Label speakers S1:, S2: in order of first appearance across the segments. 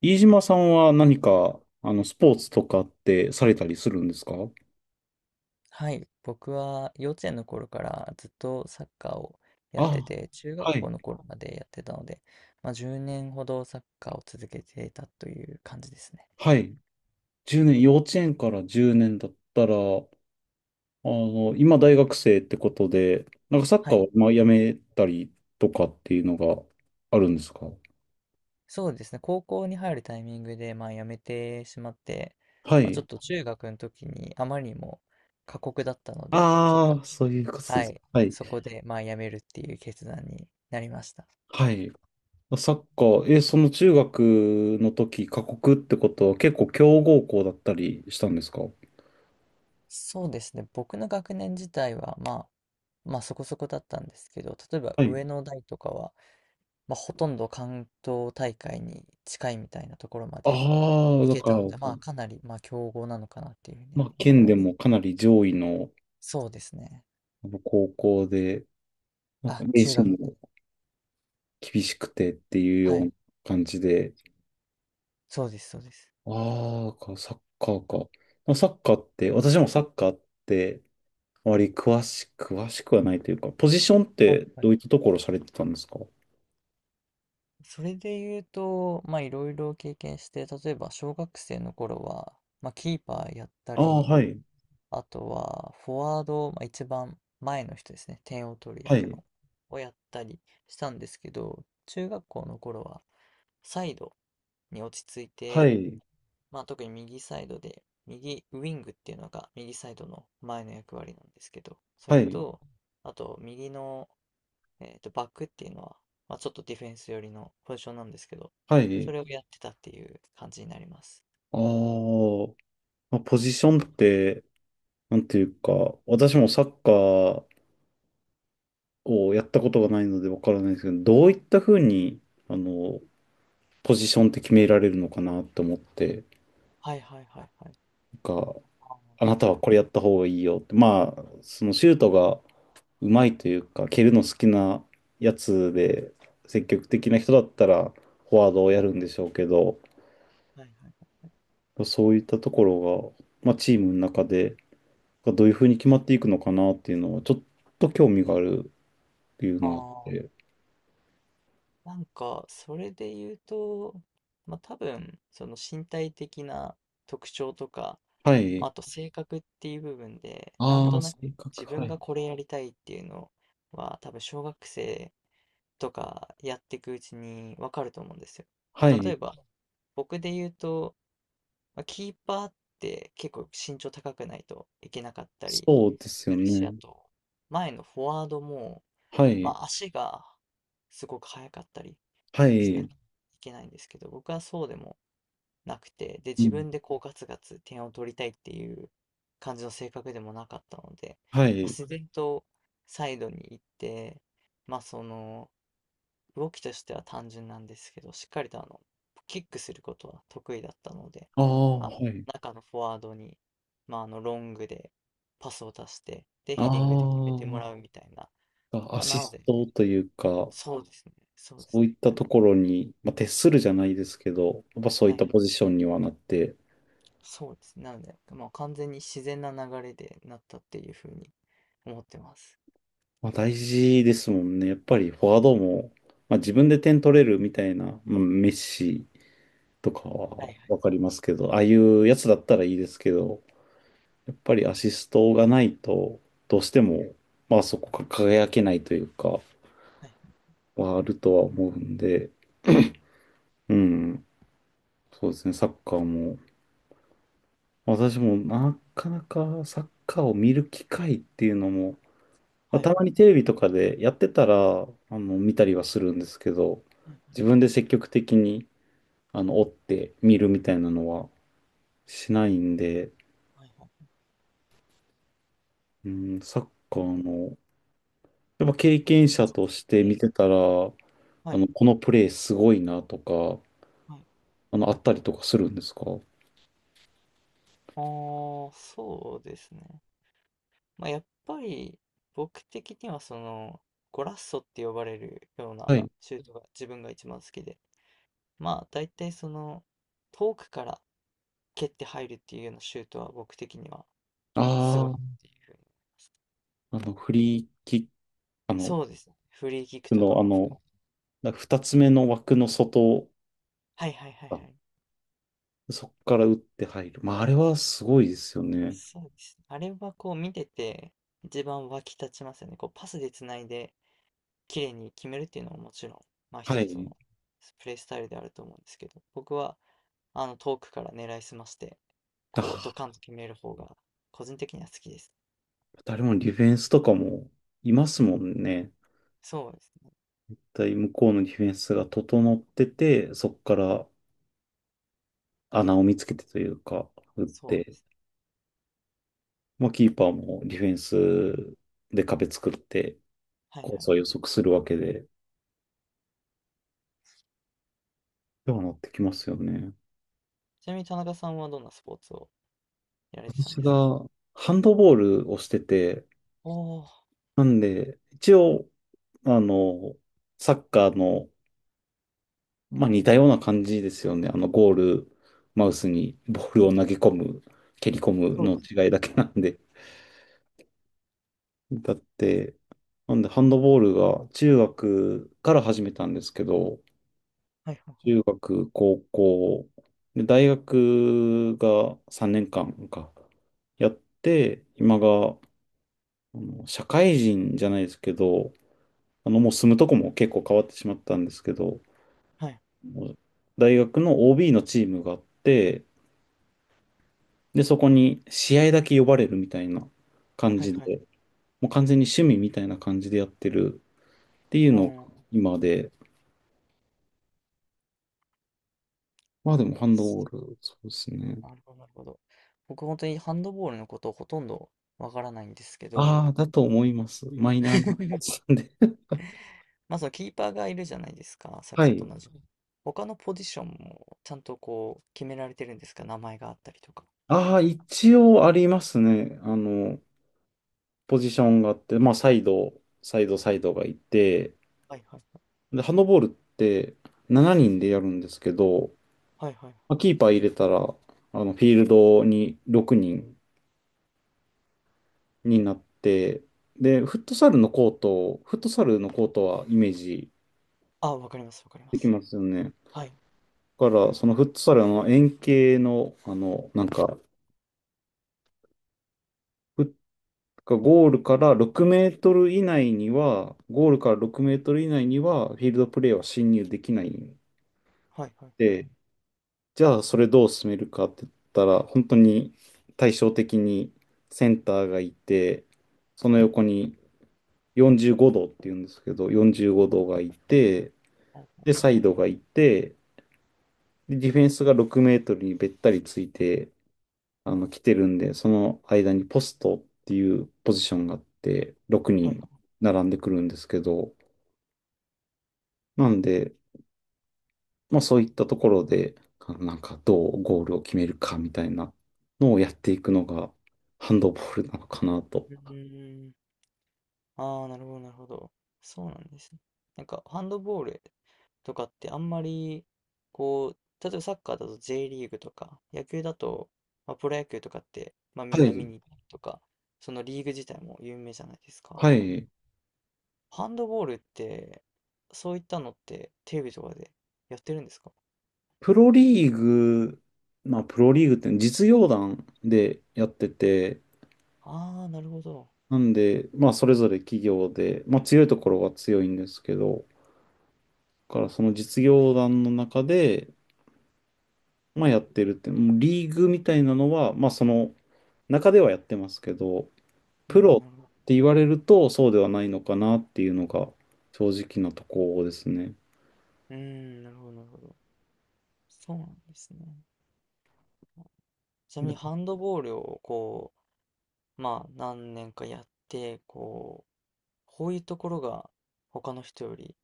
S1: 飯島さんは何か、スポーツとかってされたりするんですか？
S2: はい、僕は幼稚園の頃からずっとサッカーをやっ
S1: あ、
S2: てて、中学
S1: は
S2: 校
S1: い、
S2: の頃までやってたので、まあ、10年ほどサッカーを続けていたという感じですね。
S1: はい。10年、幼稚園から10年だったら、今大学生ってことで、なんかサッ
S2: は
S1: カー
S2: い、
S1: をまあやめたりとかっていうのがあるんですか？
S2: そうですね、高校に入るタイミングで、まあ、辞めてしまって、
S1: は
S2: まあ、ち
S1: い。
S2: ょっと中学の時にあまりにも過酷だったので、ちょっと、
S1: ああ、そういうことで
S2: は
S1: す。
S2: い、
S1: はい。
S2: そこでまあ辞めるっていう決断になりました。
S1: はい。サッカー、え、その中学の時、過酷ってことは結構強豪校だったりしたんですか？
S2: そうですね。僕の学年自体は、まあ、まあそこそこだったんですけど、例えば
S1: はい。
S2: 上の代とかは、まあほとんど関東大会に近いみたいなところま
S1: あ
S2: で
S1: あ、
S2: 行
S1: だ
S2: け
S1: か
S2: た
S1: ら、
S2: ので、まあかなり、まあ強豪なのかなっていうふうには
S1: まあ、
S2: 思い
S1: 県
S2: ま
S1: で
S2: す。
S1: もかなり上位の
S2: そうですね。
S1: あの高校で、なんか
S2: あ、
S1: 名
S2: 中
S1: 刺
S2: 学で。
S1: も厳しくてっていう
S2: は
S1: ような
S2: い。
S1: 感じで、
S2: そうです、そうです。
S1: ああ、かサッカーか。まあサッカーって、私もサッカーって、あまり詳しくはないというか、ポジションっ
S2: はい、
S1: て
S2: は
S1: ど
S2: い。
S1: ういったところされてたんですか？
S2: それで言うと、まあいろいろ経験して、例えば小学生の頃は、まあキーパーやった
S1: ああ、は
S2: り、
S1: い、
S2: あとは、フォワード、まあ、一番前の人ですね、点を取る
S1: は
S2: 役
S1: い、
S2: の、をやったりしたんですけど、中学校の頃は、サイドに落ち着い
S1: は
S2: て、
S1: い、
S2: まあ、特に右サイドで、右ウィングっていうのが右サイドの前の役割なんですけど、そ
S1: は
S2: れ
S1: い、
S2: と、あと、右の、バックっていうのは、まあ、ちょっとディフェンス寄りのポジションなんですけど、
S1: は
S2: そ
S1: い。
S2: れをやってたっていう感じになります。
S1: ああ、まあ、ポジションって、なんていうか、私もサッカーこうやったことがないのでわからないですけど、どういったふうに、あの、ポジションって決められるのかなと思って、
S2: はいはいはいはい。
S1: なんか、
S2: ああ、
S1: あなた
S2: な
S1: は
S2: る
S1: これやった方がいいよって、まあ、そのシュートがうまいというか、蹴るの好きなやつで、積極的な人だったら、フォワードをやるんでしょうけど、
S2: はいはい。
S1: そういったところが、まあ、チームの中で、どういうふうに決まっていくのかなっていうのは、ちょっと興味があるっていうのがあっ
S2: あ
S1: て、
S2: なんか、それで言うと、まあ、多分、その身体的な特徴とか、
S1: は
S2: ま
S1: い。
S2: あ、あと性格っていう部分で、なん
S1: あ
S2: と
S1: あ、
S2: なく
S1: 性格、
S2: 自分
S1: はい。
S2: がこれやりたいっていうのは、多分小学生とかやっていくうちにわかると思うんですよ。ま
S1: は
S2: あ、例え
S1: い。
S2: ば、僕で言うと、まあ、キーパーって結構身長高くないといけなかったり
S1: そうですよ
S2: するし、あ
S1: ね。
S2: と、前のフォワードも、
S1: は
S2: ま
S1: い。
S2: あ、足がすごく速かったり
S1: は
S2: しな
S1: い。
S2: きゃいけないんですけど、僕はそうでもなくて、で、
S1: う
S2: 自
S1: ん。
S2: 分でこうガツガツ点を取りたいっていう感じの性格でもなかったので、
S1: は
S2: まあ、
S1: い。
S2: 自然とサイドに行って、まあその、動きとしては単純なんですけど、しっかりとあの、キックすることは得意だったので、
S1: ああ、
S2: まあ、
S1: はい。
S2: 中のフォワードに、まああの、ロングでパスを出して、で、ヘディングで決めてもら
S1: あ
S2: うみたいな、
S1: あ、ア
S2: まあ、な
S1: シ
S2: の
S1: ス
S2: で、
S1: トというか、
S2: そうですね、そうで
S1: そ
S2: す
S1: う
S2: ね。
S1: いっ
S2: な
S1: た
S2: んで、
S1: ところに、まあ、徹するじゃないですけど、やっぱそうい
S2: は
S1: った
S2: い
S1: ポジションにはなって、
S2: そうですね。なので、まあ、完全に自然な流れでなったっていうふうに思ってます。
S1: まあ、大事ですもんね。やっぱりフォワードも、まあ、自分で点取れるみたいな、まあ、メッシとか
S2: は
S1: は
S2: いは
S1: わ
S2: い
S1: かりますけど、ああいうやつだったらいいですけど、やっぱりアシストがないと、どうしても、まあそこが輝けないというか、
S2: はい
S1: はあるとは思うんで、うん、そうですね、サッカーも、私もなかなかサッカーを見る機会っていうのも、ま
S2: は
S1: あ、
S2: い。
S1: た
S2: は
S1: ま
S2: いはい
S1: に
S2: は
S1: テレ
S2: い。
S1: ビとかでやってたら、見たりはするんですけど、自分で積極的に、追って見るみたいなのはしないんで、
S2: はいはいはいはい。
S1: うん、サッカーの、やっぱ経験者として
S2: え
S1: 見てたら、
S2: はい
S1: このプレーすごいなとか、
S2: はい。
S1: あったりとかするんですか？は
S2: ああ、そうですね。まあ、やっぱり僕的にはそのゴラッソって呼ばれるような
S1: い。
S2: シュートが自分が一番好きで、まあ大体その遠くから蹴って入るっていうようなシュートは僕的にはすごいなっ
S1: あ
S2: ていうふうに。
S1: あ、あの、フリーキッあの、
S2: そうですね。フリーキックとか
S1: の、あ
S2: も
S1: の、
S2: 含
S1: なんか二つ目の枠の外、
S2: はいはいはい
S1: あ
S2: はい。
S1: そこから打って入る。まあ、あれはすごいですよね。
S2: そうですね。あれはこう見てて一番湧き立ちますよね。こうパスでつないで綺麗に決めるっていうのはもちろん、まあ
S1: は
S2: 一つ
S1: い。
S2: のプレースタイルであると思うんですけど、僕はあの遠くから狙いすまして、
S1: あ
S2: こうド
S1: あ、
S2: カンと決める方が個人的には好きですね。
S1: 誰もディフェンスとかもいますもんね。
S2: そうですね。
S1: だい向こうのディフェンスが整ってて、そこから穴を見つけてというか、打っ
S2: そうで
S1: て、
S2: す
S1: まあ、キーパーもディフェン
S2: ね。
S1: スで壁作って、
S2: はい
S1: コー
S2: は
S1: ス
S2: い
S1: は
S2: は
S1: 予
S2: い。
S1: 測するわけで、ではなってきますよね。
S2: ちなみに田中さんはどんなスポーツをやられてたん
S1: 私
S2: ですか？
S1: がハンドボールをしてて、
S2: おおー、
S1: なんで、一応、あの、サッカーの、まあ、似たような感じですよね。ゴール、マウスにボールを投げ込む、蹴り込む
S2: そうで
S1: の
S2: す。
S1: 違いだけなんで。だって、なんで、ハンドボールが中学から始めたんですけど、
S2: はいはい
S1: 中学、高校、で、大学が3年間か、やって、今が、あの社会人じゃないですけど、もう住むとこも結構変わってしまったんですけど、
S2: はい。
S1: 大学の OB のチームがあって、で、そこに試合だけ呼ばれるみたいな感
S2: はい
S1: じ
S2: はいは
S1: で、
S2: い。
S1: もう完全に趣味みたいな感じでやってるっていうのが
S2: はい。
S1: 今で、まあでもハンドボール、そうですね。
S2: なるほど、なるほど。僕本当にハンドボールのことほとんどわからないんですけど、
S1: ああ、だと思います。マイナーなおっ さんで。
S2: まあそのキーパーがいるじゃないですか、サッ
S1: は
S2: カー
S1: い。
S2: と同じく。他のポジションもちゃんとこう決められてるんですか、名前があったりとか。
S1: ああ、一応ありますね。ポジションがあって、まあサイドがいて、
S2: はいはいはい。
S1: で、ハンドボールって7人でやるんですけど、
S2: はいはい。
S1: まあ、キーパー入れたら、フィールドに6人になって、で、フットサルのコート、フットサルのコートはイメージ
S2: あ、わかります、わかりま
S1: でき
S2: す。
S1: ますよね。だ
S2: はい。
S1: から、そのフットサルの円形の、なんか、フゴールから6メートル以内には、ゴールから6メートル以内には、フィールドプレーは侵入できないん
S2: はいはいはい。
S1: で、じゃあ、それどう進めるかって言ったら、本当に対照的にセンターがいて、その横に、45度っていうんですけど、45度がいて、
S2: あ
S1: で、
S2: ああ
S1: サイドがいて、で、ディフェンスが6メートルにべったりついて、来てるんで、その間にポストっていうポジションがあって、6
S2: はい。
S1: 人並んでくるんですけど、なんで、まあそういったところで、なんかどうゴールを決めるかみたいなのをやっていくのが、ハンドボールなのかなと。
S2: うーん。ああ、なるほど、なるほど。そうなんですね。なんか、ハンドボールとかってあんまり、こう、例えばサッカーだと J リーグとか、野球だと、まあ、プロ野球とかって、まあみ
S1: は
S2: んな見
S1: い。
S2: に行ったりとか、そのリーグ自体も有名じゃないですか。
S1: はい。
S2: ハンドボールって、そういったのってテレビとかでやってるんですか？
S1: プロリーグ、まあ、プロリーグって実業団でやってて、
S2: ああー、なるほど。
S1: なんで、まあ、それぞれ企業で、まあ、強いところは強いんですけど、だからその実業団の中で、まあ、やってるって、もうリーグみたいなのは、まあ、その中ではやってますけど、
S2: う
S1: プ
S2: ん、な
S1: ロ
S2: るほど。
S1: って言われるとそうではないのかなっていうのが正直なところですね。
S2: うーん、なるほど、なるほど。そうなんですね。ちなみにハンドボールをこまあ、何年かやって、こう、こういうところが他の人より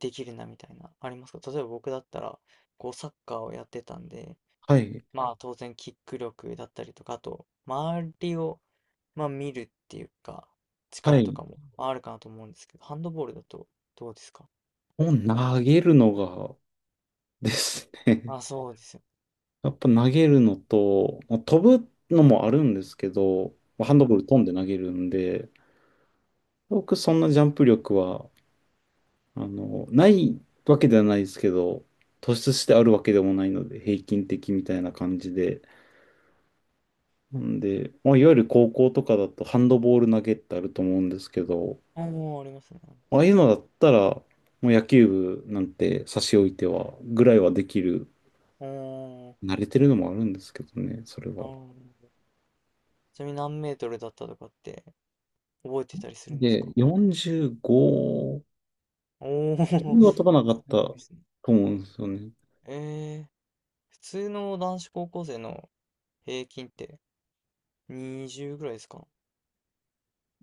S2: できるなみたいな、ありますか？例えば僕だったら、こう、サッカーをやってたんで、
S1: はい、
S2: まあ、当然、キック力だったりとか、あと、周りを、まあ、見るっていうか、
S1: は
S2: 力と
S1: い。
S2: かもあるかなと思うんですけど、ハンドボールだとどうですか？
S1: を投げるのがですね。
S2: あ、あ、そうですよ。
S1: やっぱ投げるのと、まあ飛ぶのもあるんですけど、まあハ
S2: は
S1: ン
S2: い
S1: ドボ
S2: は
S1: ー
S2: い。
S1: ル飛んで投げるんで、僕そんなジャンプ力は、ないわけではないですけど、突出してあるわけでもないので、平均的みたいな感じで。なんで、まあ、いわゆる高校とかだとハンドボール投げってあると思うんですけど、
S2: おー、ありますね、ありま
S1: まあ
S2: す
S1: あ
S2: ね。
S1: いうのだったら、もう野球部なんて差し置いては、ぐらいはできる。
S2: おー、
S1: 慣れてるのもあるんですけどね、それ
S2: あ
S1: は。
S2: ーちなみに何メートルだったとかって覚えてたりするんです
S1: で、
S2: か？
S1: 45
S2: おお。
S1: 2 0は飛ばなか
S2: す
S1: っ
S2: ごい
S1: た
S2: で
S1: と
S2: すね。
S1: 思うんですよね。
S2: ええ、普通の男子高校生の平均って20ぐらいですか？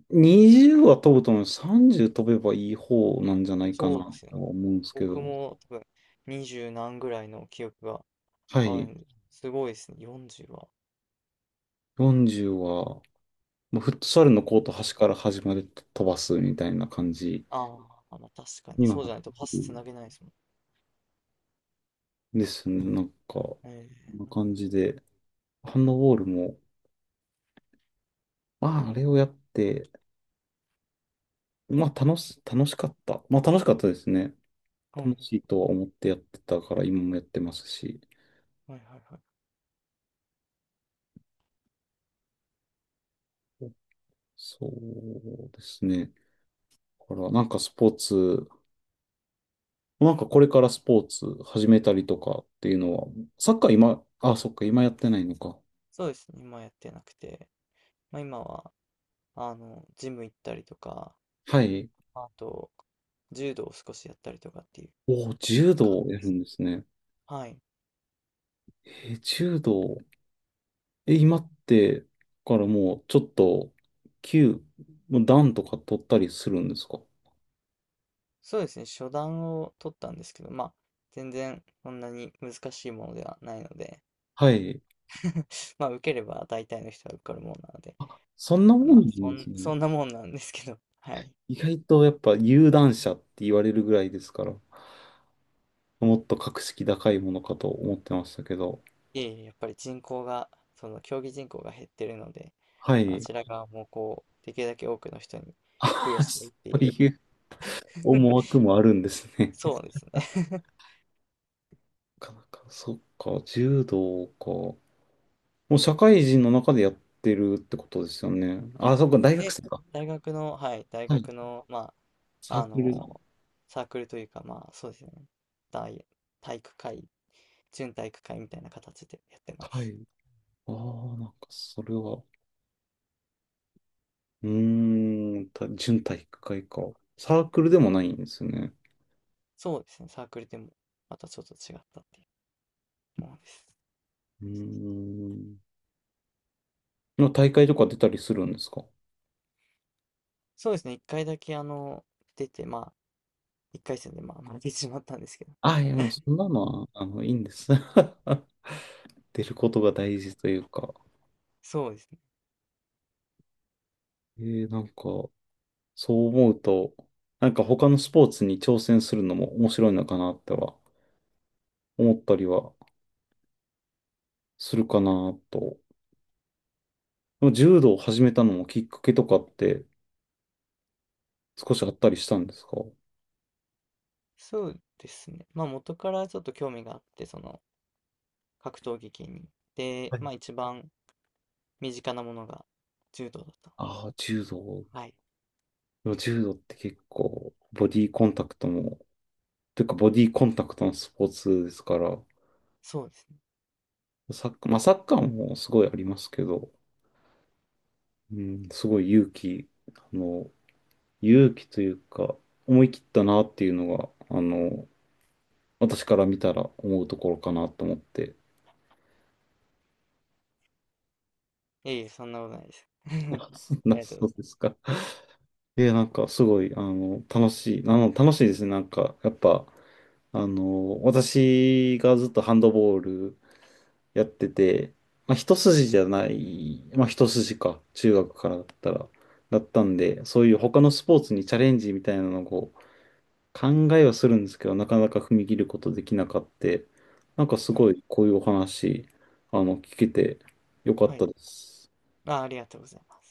S1: 20は飛ぶと思う。30飛べばいい方なんじゃないか
S2: そうで
S1: な
S2: すよね。
S1: とは思うんですけ
S2: 僕
S1: ど。
S2: も多分20何ぐらいの記憶が
S1: は
S2: ある
S1: い。
S2: んで、すごいですね、40は。
S1: 40は、もうフットサルのコート端から端まで飛ばすみたいな感じ
S2: ああ、ま、確かに
S1: には
S2: そう
S1: な
S2: じ
S1: っ
S2: ゃないとパ
S1: て
S2: スつなげ
S1: る
S2: ないですもん。
S1: ですね。なんか、こ
S2: え
S1: ん
S2: え、
S1: な
S2: な
S1: 感じ
S2: る
S1: で。ハンドボールも、まあ、あれをやって、まあ、楽しかった。まあ、楽しかったですね。
S2: ほど。う
S1: 楽
S2: ん、
S1: しいとは思ってやってたから、今もやってますし。
S2: はいはいはい。
S1: そうですね。から、なんかスポーツ、なんかこれからスポーツ始めたりとかっていうのは、サッカー今、あ、そっか、今やってないのか。
S2: そうですね、今やってなくて、ま、今はあの、ジム行ったりとか、
S1: はい。
S2: あと、柔道を少しやったりとかっていう
S1: おー、柔道
S2: 感
S1: を
S2: じ
S1: や
S2: で
S1: る
S2: す。
S1: んですね。
S2: はい。
S1: えー柔道。え、今って、からもうちょっと、級、もう段とか取ったりするんですか？
S2: そうですね、初段を取ったんですけど、まあ、全然そんなに難しいものではないので、
S1: はい。
S2: まあ、受ければ大体の人は受かるものなので、
S1: そんなも
S2: まあ、
S1: んなんです ね。
S2: そんなもんなんですけど、はい。
S1: 意外とやっぱ有段者って言われるぐらいですから、もっと格式高いものかと思ってましたけど。
S2: いえいえ、やっぱり人口が、その競技人口が減ってるので、
S1: は
S2: あ
S1: い。
S2: ちら側もこう、できるだけ多くの人に付与
S1: あ、
S2: したい
S1: そ
S2: ってい
S1: う
S2: う、
S1: いう思 惑もあるんですね。
S2: そう ですね。
S1: なかなか、そっか、柔道か。もう社会人の中でやってるってことですよね。あ、そっか、大学
S2: で、
S1: 生か。
S2: 大学の、はい、大
S1: はい。
S2: 学の、ま
S1: サ
S2: あ、
S1: ー
S2: あ
S1: クル。
S2: の、サークルというか、まあ、そうですね、大、体育会準体育会みたいな形でやってま
S1: は
S2: す。
S1: い。ああ、なんか、それは、た準体育会か。サークルでもないんですよね。
S2: そうですね、サークルでもまたちょっと違ったっていうものです。
S1: うーん。の大会とか出たりするんですか？
S2: そうですね、一回だけあの、出て、まあ、一回戦でまあ負けてしまったんですけど、
S1: あ、いや、もうそんなのは、いいんです。出ることが大事というか。
S2: そうですね、
S1: なんか、そう思うと、なんか他のスポーツに挑戦するのも面白いのかなっては思ったりはするかなと。でも柔道を始めたのもきっかけとかって少しあったりしたんですか？
S2: そうですね、まあ元からちょっと興味があって、その格闘技系に。で、
S1: はい。
S2: まあ一番身近なものが柔道だったの
S1: ああ、柔道。
S2: で、はい、
S1: でも柔道って結構ボディーコンタクトも、というかボディーコンタクトのスポーツですから、
S2: そうですね。
S1: サッカー、まあサッカーもすごいありますけど、うん、すごい勇気、あの、勇気というか、思い切ったなっていうのが、あの、私から見たら思うところかなと思って。
S2: いえいえ、そんなことないです。あり
S1: そんな、
S2: がとうご
S1: そう
S2: ざいま
S1: ですか。え、なんか、すごい、楽しい。楽しいですね。なんか、やっぱ、私がずっとハンドボールやってて、まあ、一筋じゃない、まあ、一筋か、中学からだったら、だったんで、そういう他のスポーツにチャレンジみたいなのをこう考えはするんですけど、なかなか踏み切ることできなかって、なんかす
S2: す。はい、
S1: ごい、こういうお話、聞けてよかっ
S2: は
S1: た
S2: い、
S1: です。
S2: あ、ありがとうございます。